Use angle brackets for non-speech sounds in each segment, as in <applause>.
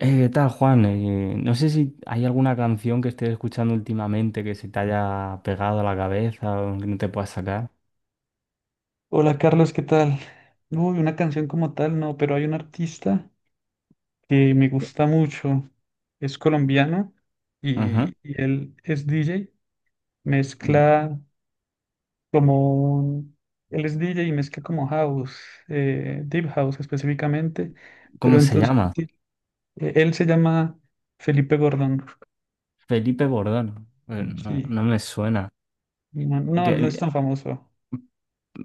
¿Qué tal, Juan? No sé si hay alguna canción que estés escuchando últimamente que se te haya pegado a la cabeza o que no te puedas sacar. Hola Carlos, ¿qué tal? Uy, una canción como tal, no, pero hay un artista que me gusta mucho. Es colombiano y, Ajá. Él es DJ. Mezcla como Él es DJ y mezcla como house, deep house específicamente. Pero ¿Cómo se entonces llama? sí, él se llama Felipe Gordón. Felipe Bordón. No, Sí, no me suena. no, no, él no es Que- tan famoso.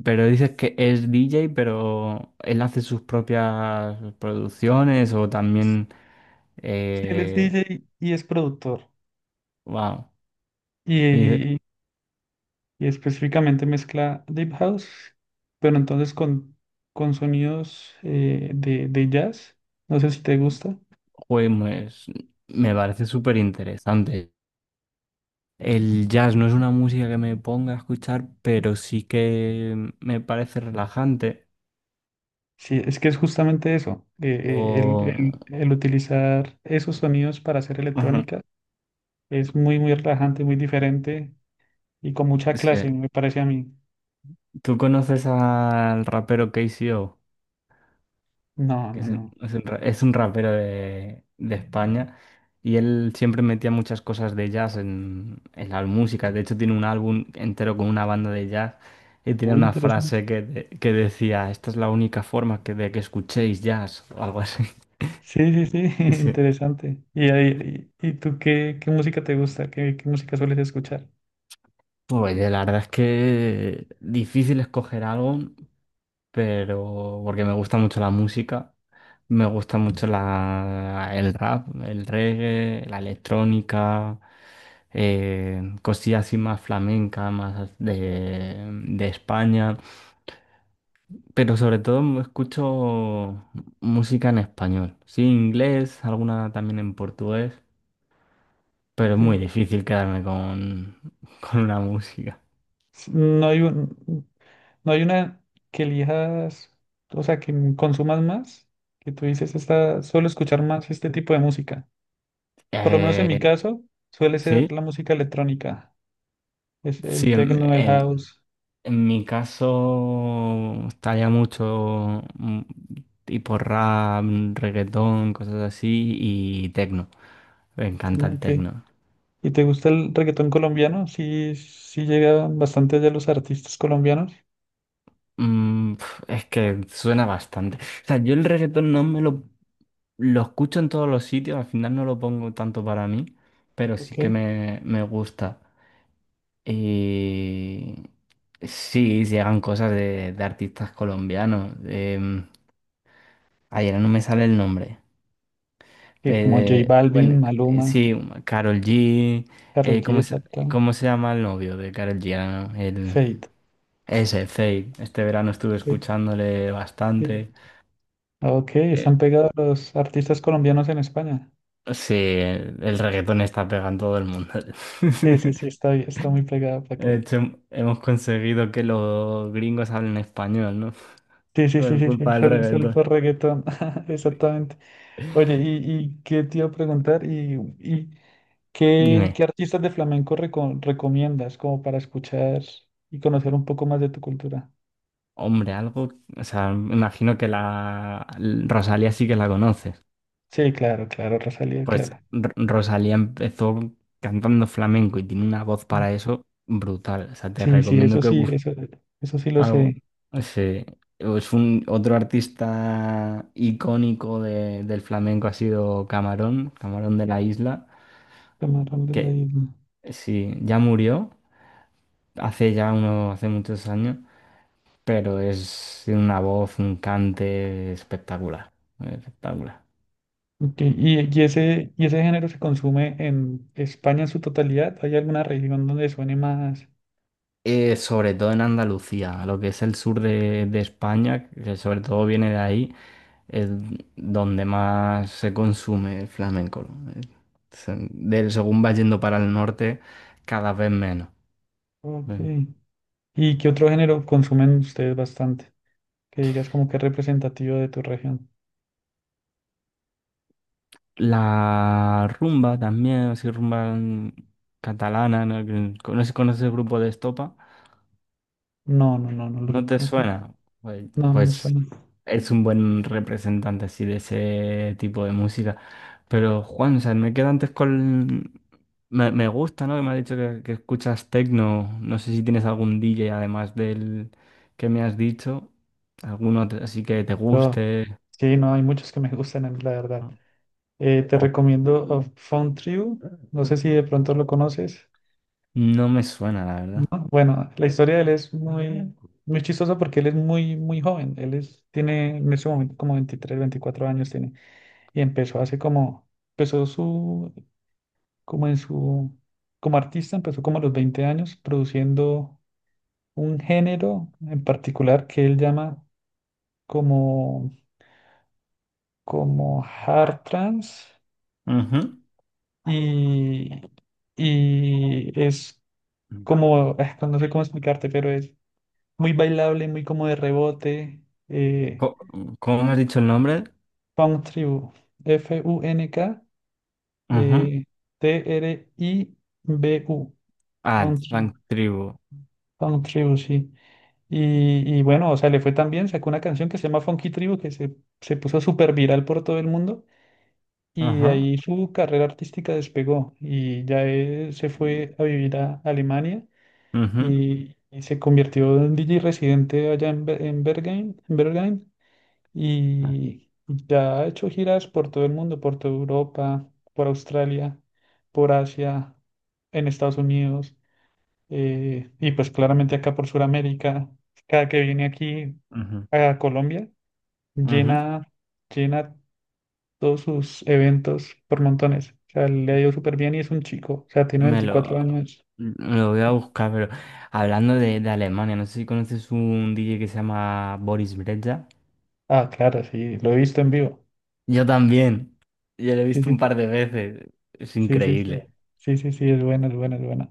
pero dices que es DJ, pero él hace sus propias producciones o también... Sí, él es Eh, DJ y es productor. wow. Y dices, Y, específicamente mezcla deep house, pero entonces con, sonidos de, jazz. No sé si te gusta. "Joder, pues, me parece súper interesante. El jazz no es una música que me ponga a escuchar, pero sí que me parece relajante. Sí, es que es justamente eso, el, O... el utilizar esos sonidos para hacer Ujú. electrónica es muy, muy relajante, muy diferente y con mucha Es que clase, me parece a mí. tú conoces al rapero KCO, No, que no, es un, no. Es un rapero de España, y él siempre metía muchas cosas de jazz en las músicas. De hecho, tiene un álbum entero con una banda de jazz y tiene Muy una interesante. frase que decía, esta es la única forma de que escuchéis jazz o algo así. Sí, sí, sí, <laughs> <laughs> interesante. ¿Y, Sí. Y tú qué, qué música te gusta? ¿Qué, qué música sueles escuchar? Pues la verdad es que difícil escoger algo, pero porque me gusta mucho la música, me gusta mucho el rap, el reggae, la electrónica, cosillas así más flamenca, de España, pero sobre todo escucho música en español, sí, inglés, alguna también en portugués, pero es Ok. muy difícil quedarme con, <laughs> con una música. No hay no hay una que elijas, o sea, que consumas más, que tú dices, esta, suelo escuchar más este tipo de música. Por lo menos en mi Eh, caso, suele ser sí. la música electrónica, es el Sí, techno, el house, en mi caso estaría mucho tipo rap, reggaetón, cosas así y tecno. Me el encanta techno, el ok. tecno. ¿Y te gusta el reggaetón colombiano? Sí, sí llegan bastante allá los artistas colombianos, Mm, pf, es que suena bastante. O sea, yo el reggaetón no me lo escucho en todos los sitios, al final no lo pongo tanto para mí, pero sí que ok. Me gusta. Y sí, llegan cosas de artistas colombianos. Ayer no me sale el nombre. Que como J Pero, bueno, Balvin, Maluma, sí, Karol G. Karol G, ¿Cómo exacto, cómo se llama el novio de Karol G? Ah, no, el, Feid. ese, Fade. Este verano estuve Eh, escuchándole sí. bastante. Ok, Eh, están pegados los artistas colombianos en España. sí, el reggaetón está pegando todo el mundo. Sí, sí, sí, <laughs> está, está muy pegado para De que hecho, hemos conseguido que los gringos hablen español, ¿no? sí, <laughs> sí, sí, Por sí, sí, culpa del salsa reggaetón. reggaetón, <laughs> exactamente. Oye, y qué te iba a preguntar? ¿Y, y qué, Dime, qué artistas de flamenco recomiendas como para escuchar y conocer un poco más de tu cultura? hombre, algo. O sea, me imagino que la Rosalía sí que la conoces. Sí, claro, claro, Rosalía, Pues claro. Rosalía empezó cantando flamenco y tiene una voz Mm. para eso brutal. O sea, te Sí, recomiendo que sí, busques eso sí lo sé. algo. Sí. Es un otro artista icónico del flamenco ha sido Camarón, Camarón de la Isla, Camarón de la que Isla. sí, ya murió hace muchos años, pero es tiene una voz, un cante espectacular, espectacular. Ok, ¿y, y ese género se consume en España en su totalidad? ¿Hay alguna región donde suene más? Sobre todo en Andalucía, lo que es el sur de España, que sobre todo viene de ahí, es donde más se consume el flamenco. ¿No? Según va yendo para el norte, cada vez menos. Ok. Ven. ¿Y qué otro género consumen ustedes bastante? Que digas como que es representativo de tu región. La rumba también, así rumba catalana, ¿no? Conoces el grupo de Estopa? No, no, no, no lo ¿No te recomiendo. suena? No, no me Pues suena. es un buen representante así de ese tipo de música. Pero Juan, o sea, me quedo antes con... me gusta, ¿no? Que me has dicho que escuchas techno. No sé si tienes algún DJ además del que me has dicho. Alguno otro así que te Pero, guste. sí, no, hay muchos que me gustan, a mí, la verdad. ¿No? Te O recomiendo A Found Tribu. No sé si de pronto lo conoces. no me suena, la ¿No? verdad. Bueno, la historia de él es muy, muy chistosa porque él es muy, muy joven. Él es, tiene en ese momento como 23 24 años tiene. Y empezó hace como, empezó su, como en su, como artista, empezó como a los 20 años produciendo un género en particular que él llama como, como hard trance Ujú. y, es como, no sé cómo explicarte, pero es muy bailable, muy como de rebote, eh, Co- ¿Cómo me has dicho el nombre? funk tribu, F-U-N-K, Ujú. eh, T-R-I-B-U, Ah, funk tribu, Funk Tribu. funk tribu, sí. Y, bueno, o sea, le fue tan bien, sacó una canción que se llama Funky Tribu, que se puso súper viral por todo el mundo. Y de Ajá. ahí su carrera artística despegó y ya él se fue a vivir a Alemania Ujú. y, se convirtió en DJ residente allá en, en Bergen, en Bergheim, Ah, y ya ha hecho giras por todo el mundo, por toda Europa, por Australia, por Asia, en Estados Unidos y pues claramente acá por Sudamérica. Cada que viene aquí ujú. a Colombia Ujú. llena, llena todos sus eventos por montones. O sea, le ha ido súper bien y es un chico. O sea, tiene Me lo, 24 años. lo voy a buscar, pero hablando de Alemania, no sé si conoces un DJ que se llama Boris Brejcha. Ah, claro, sí, lo he visto en vivo. Yo también. Yo lo he Sí, visto un sí, par de veces. Es sí, sí, sí. increíble. Sí, sí, sí, es buena, es buena, es buena.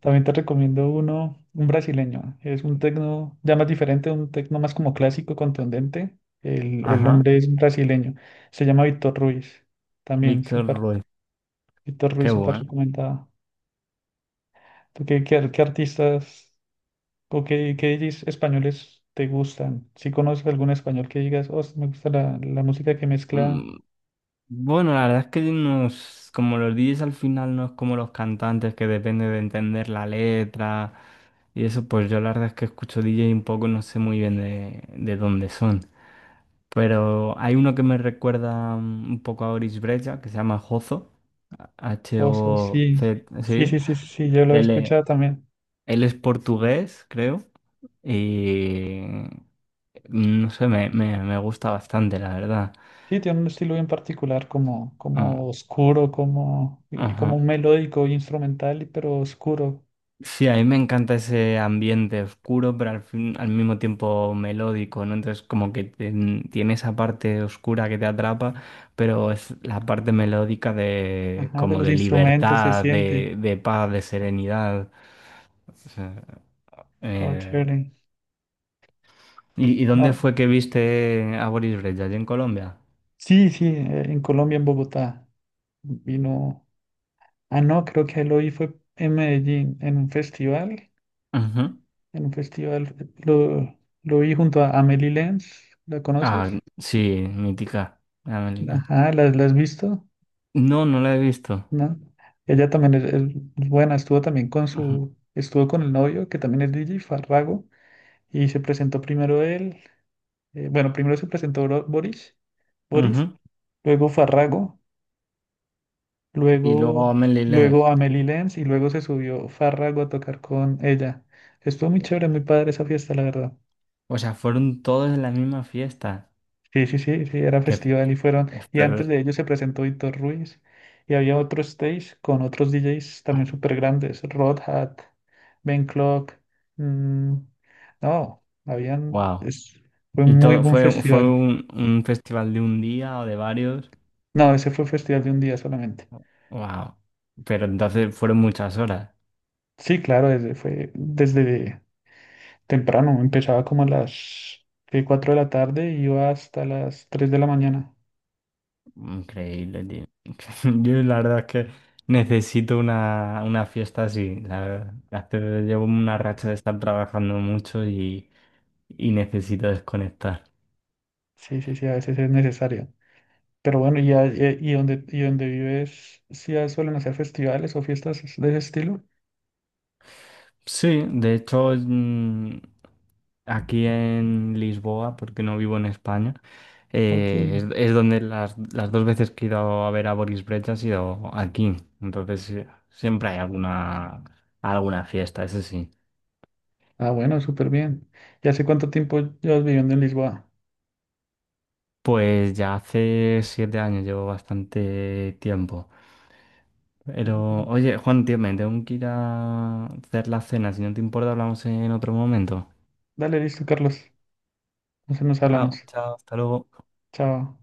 También te recomiendo uno, un brasileño. Es un tecno ya más diferente, un tecno más como clásico, contundente. El, Ajá. hombre es brasileño. Se llama Víctor Ruiz. También Víctor súper, Ruiz. Víctor Ruiz Qué súper bueno. recomendado. ¿Tú qué, qué, qué artistas? ¿O qué, qué DJs españoles te gustan? Si conoces algún español que digas, oh, me gusta la, música que mezcla Mm, Bueno, la verdad es que nos, como los DJs al final no es como los cantantes que depende de entender la letra y eso, pues yo la verdad es que escucho DJ un poco, no sé muy bien de dónde son. Pero hay uno que me recuerda un poco a Boris Brejcha, que se llama Jozo, osos, sí. H-O-Z, Sí, sí. sí, sí, sí, sí, yo lo he Él, e- escuchado también. él es portugués, creo, y no sé, me gusta bastante, la verdad. Sí, tiene un estilo bien particular, como, Mm, como oscuro, como, como ajá. un melódico instrumental, pero oscuro. Sí, a mí me encanta ese ambiente oscuro, pero al mismo tiempo melódico, ¿no? Entonces, como que tiene esa parte oscura que te atrapa, pero es la parte melódica de Ajá, de como los de instrumentos se libertad, siente. De paz, de serenidad. O sea, Oh, eh, chévere. Y dónde Ah, fue que viste a Boris Brejcha? ¿Allí en Colombia? sí, sí, en Colombia, en Bogotá. Vino. Ah, no, creo que lo vi fue en Medellín, en un festival. Ujú. En un festival. Lo vi junto a Amelie Lenz, ¿la conoces? Ah, sí, mítica, la Melina. Ajá, ¿la, la has visto? No, no la he visto. ¿No? Ella también es buena, estuvo también con Ujú. su, estuvo con el novio, que también es DJ, Farrago, y se presentó primero él, bueno, primero se presentó Boris, Boris, Ujú. luego Farrago, Y luego a luego, Melilé. luego Amelie Lenz, y luego se subió Farrago a tocar con ella. Estuvo muy chévere, muy padre esa fiesta, la verdad. O sea, fueron todos en la misma fiesta. Sí, sí, sí, sí, era Que, festival y fueron. Y antes de ellos se presentó Víctor Ruiz y había otro stage con otros DJs también súper grandes, Rod Hat, Ben Clock. mm, no, habían. wow. Fue un Y muy todo buen fue festival. Un festival de un día o de varios. No, ese fue festival de un día solamente. Wow. Pero entonces fueron muchas horas. Sí, claro, desde, fue desde temprano. Empezaba como a las 4 de la tarde y iba hasta las 3 de la mañana. Increíble, tío. <laughs> Yo la verdad es que necesito una fiesta así. La verdad. Llevo una racha de estar trabajando mucho y necesito desconectar. Sí, sí, sí, a veces es necesario. Pero bueno, ¿y, y donde vives, si suelen hacer festivales o fiestas de ese estilo? Sí, de hecho, aquí en Lisboa, porque no vivo en España, Ok. Es donde las dos veces que he ido a ver a Boris Brejcha ha sido aquí. Entonces, siempre hay alguna, alguna fiesta, eso sí. Ah, bueno, súper bien. ¿Y hace cuánto tiempo llevas viviendo en Lisboa? Pues ya hace 7 años, llevo bastante tiempo. Pero, Mm. oye, Juan, tío, me tengo que ir a hacer la cena. Si no te importa, hablamos en otro momento. Dale, listo, Carlos. Entonces nos Ah, hablamos. chao, hasta luego. Chao.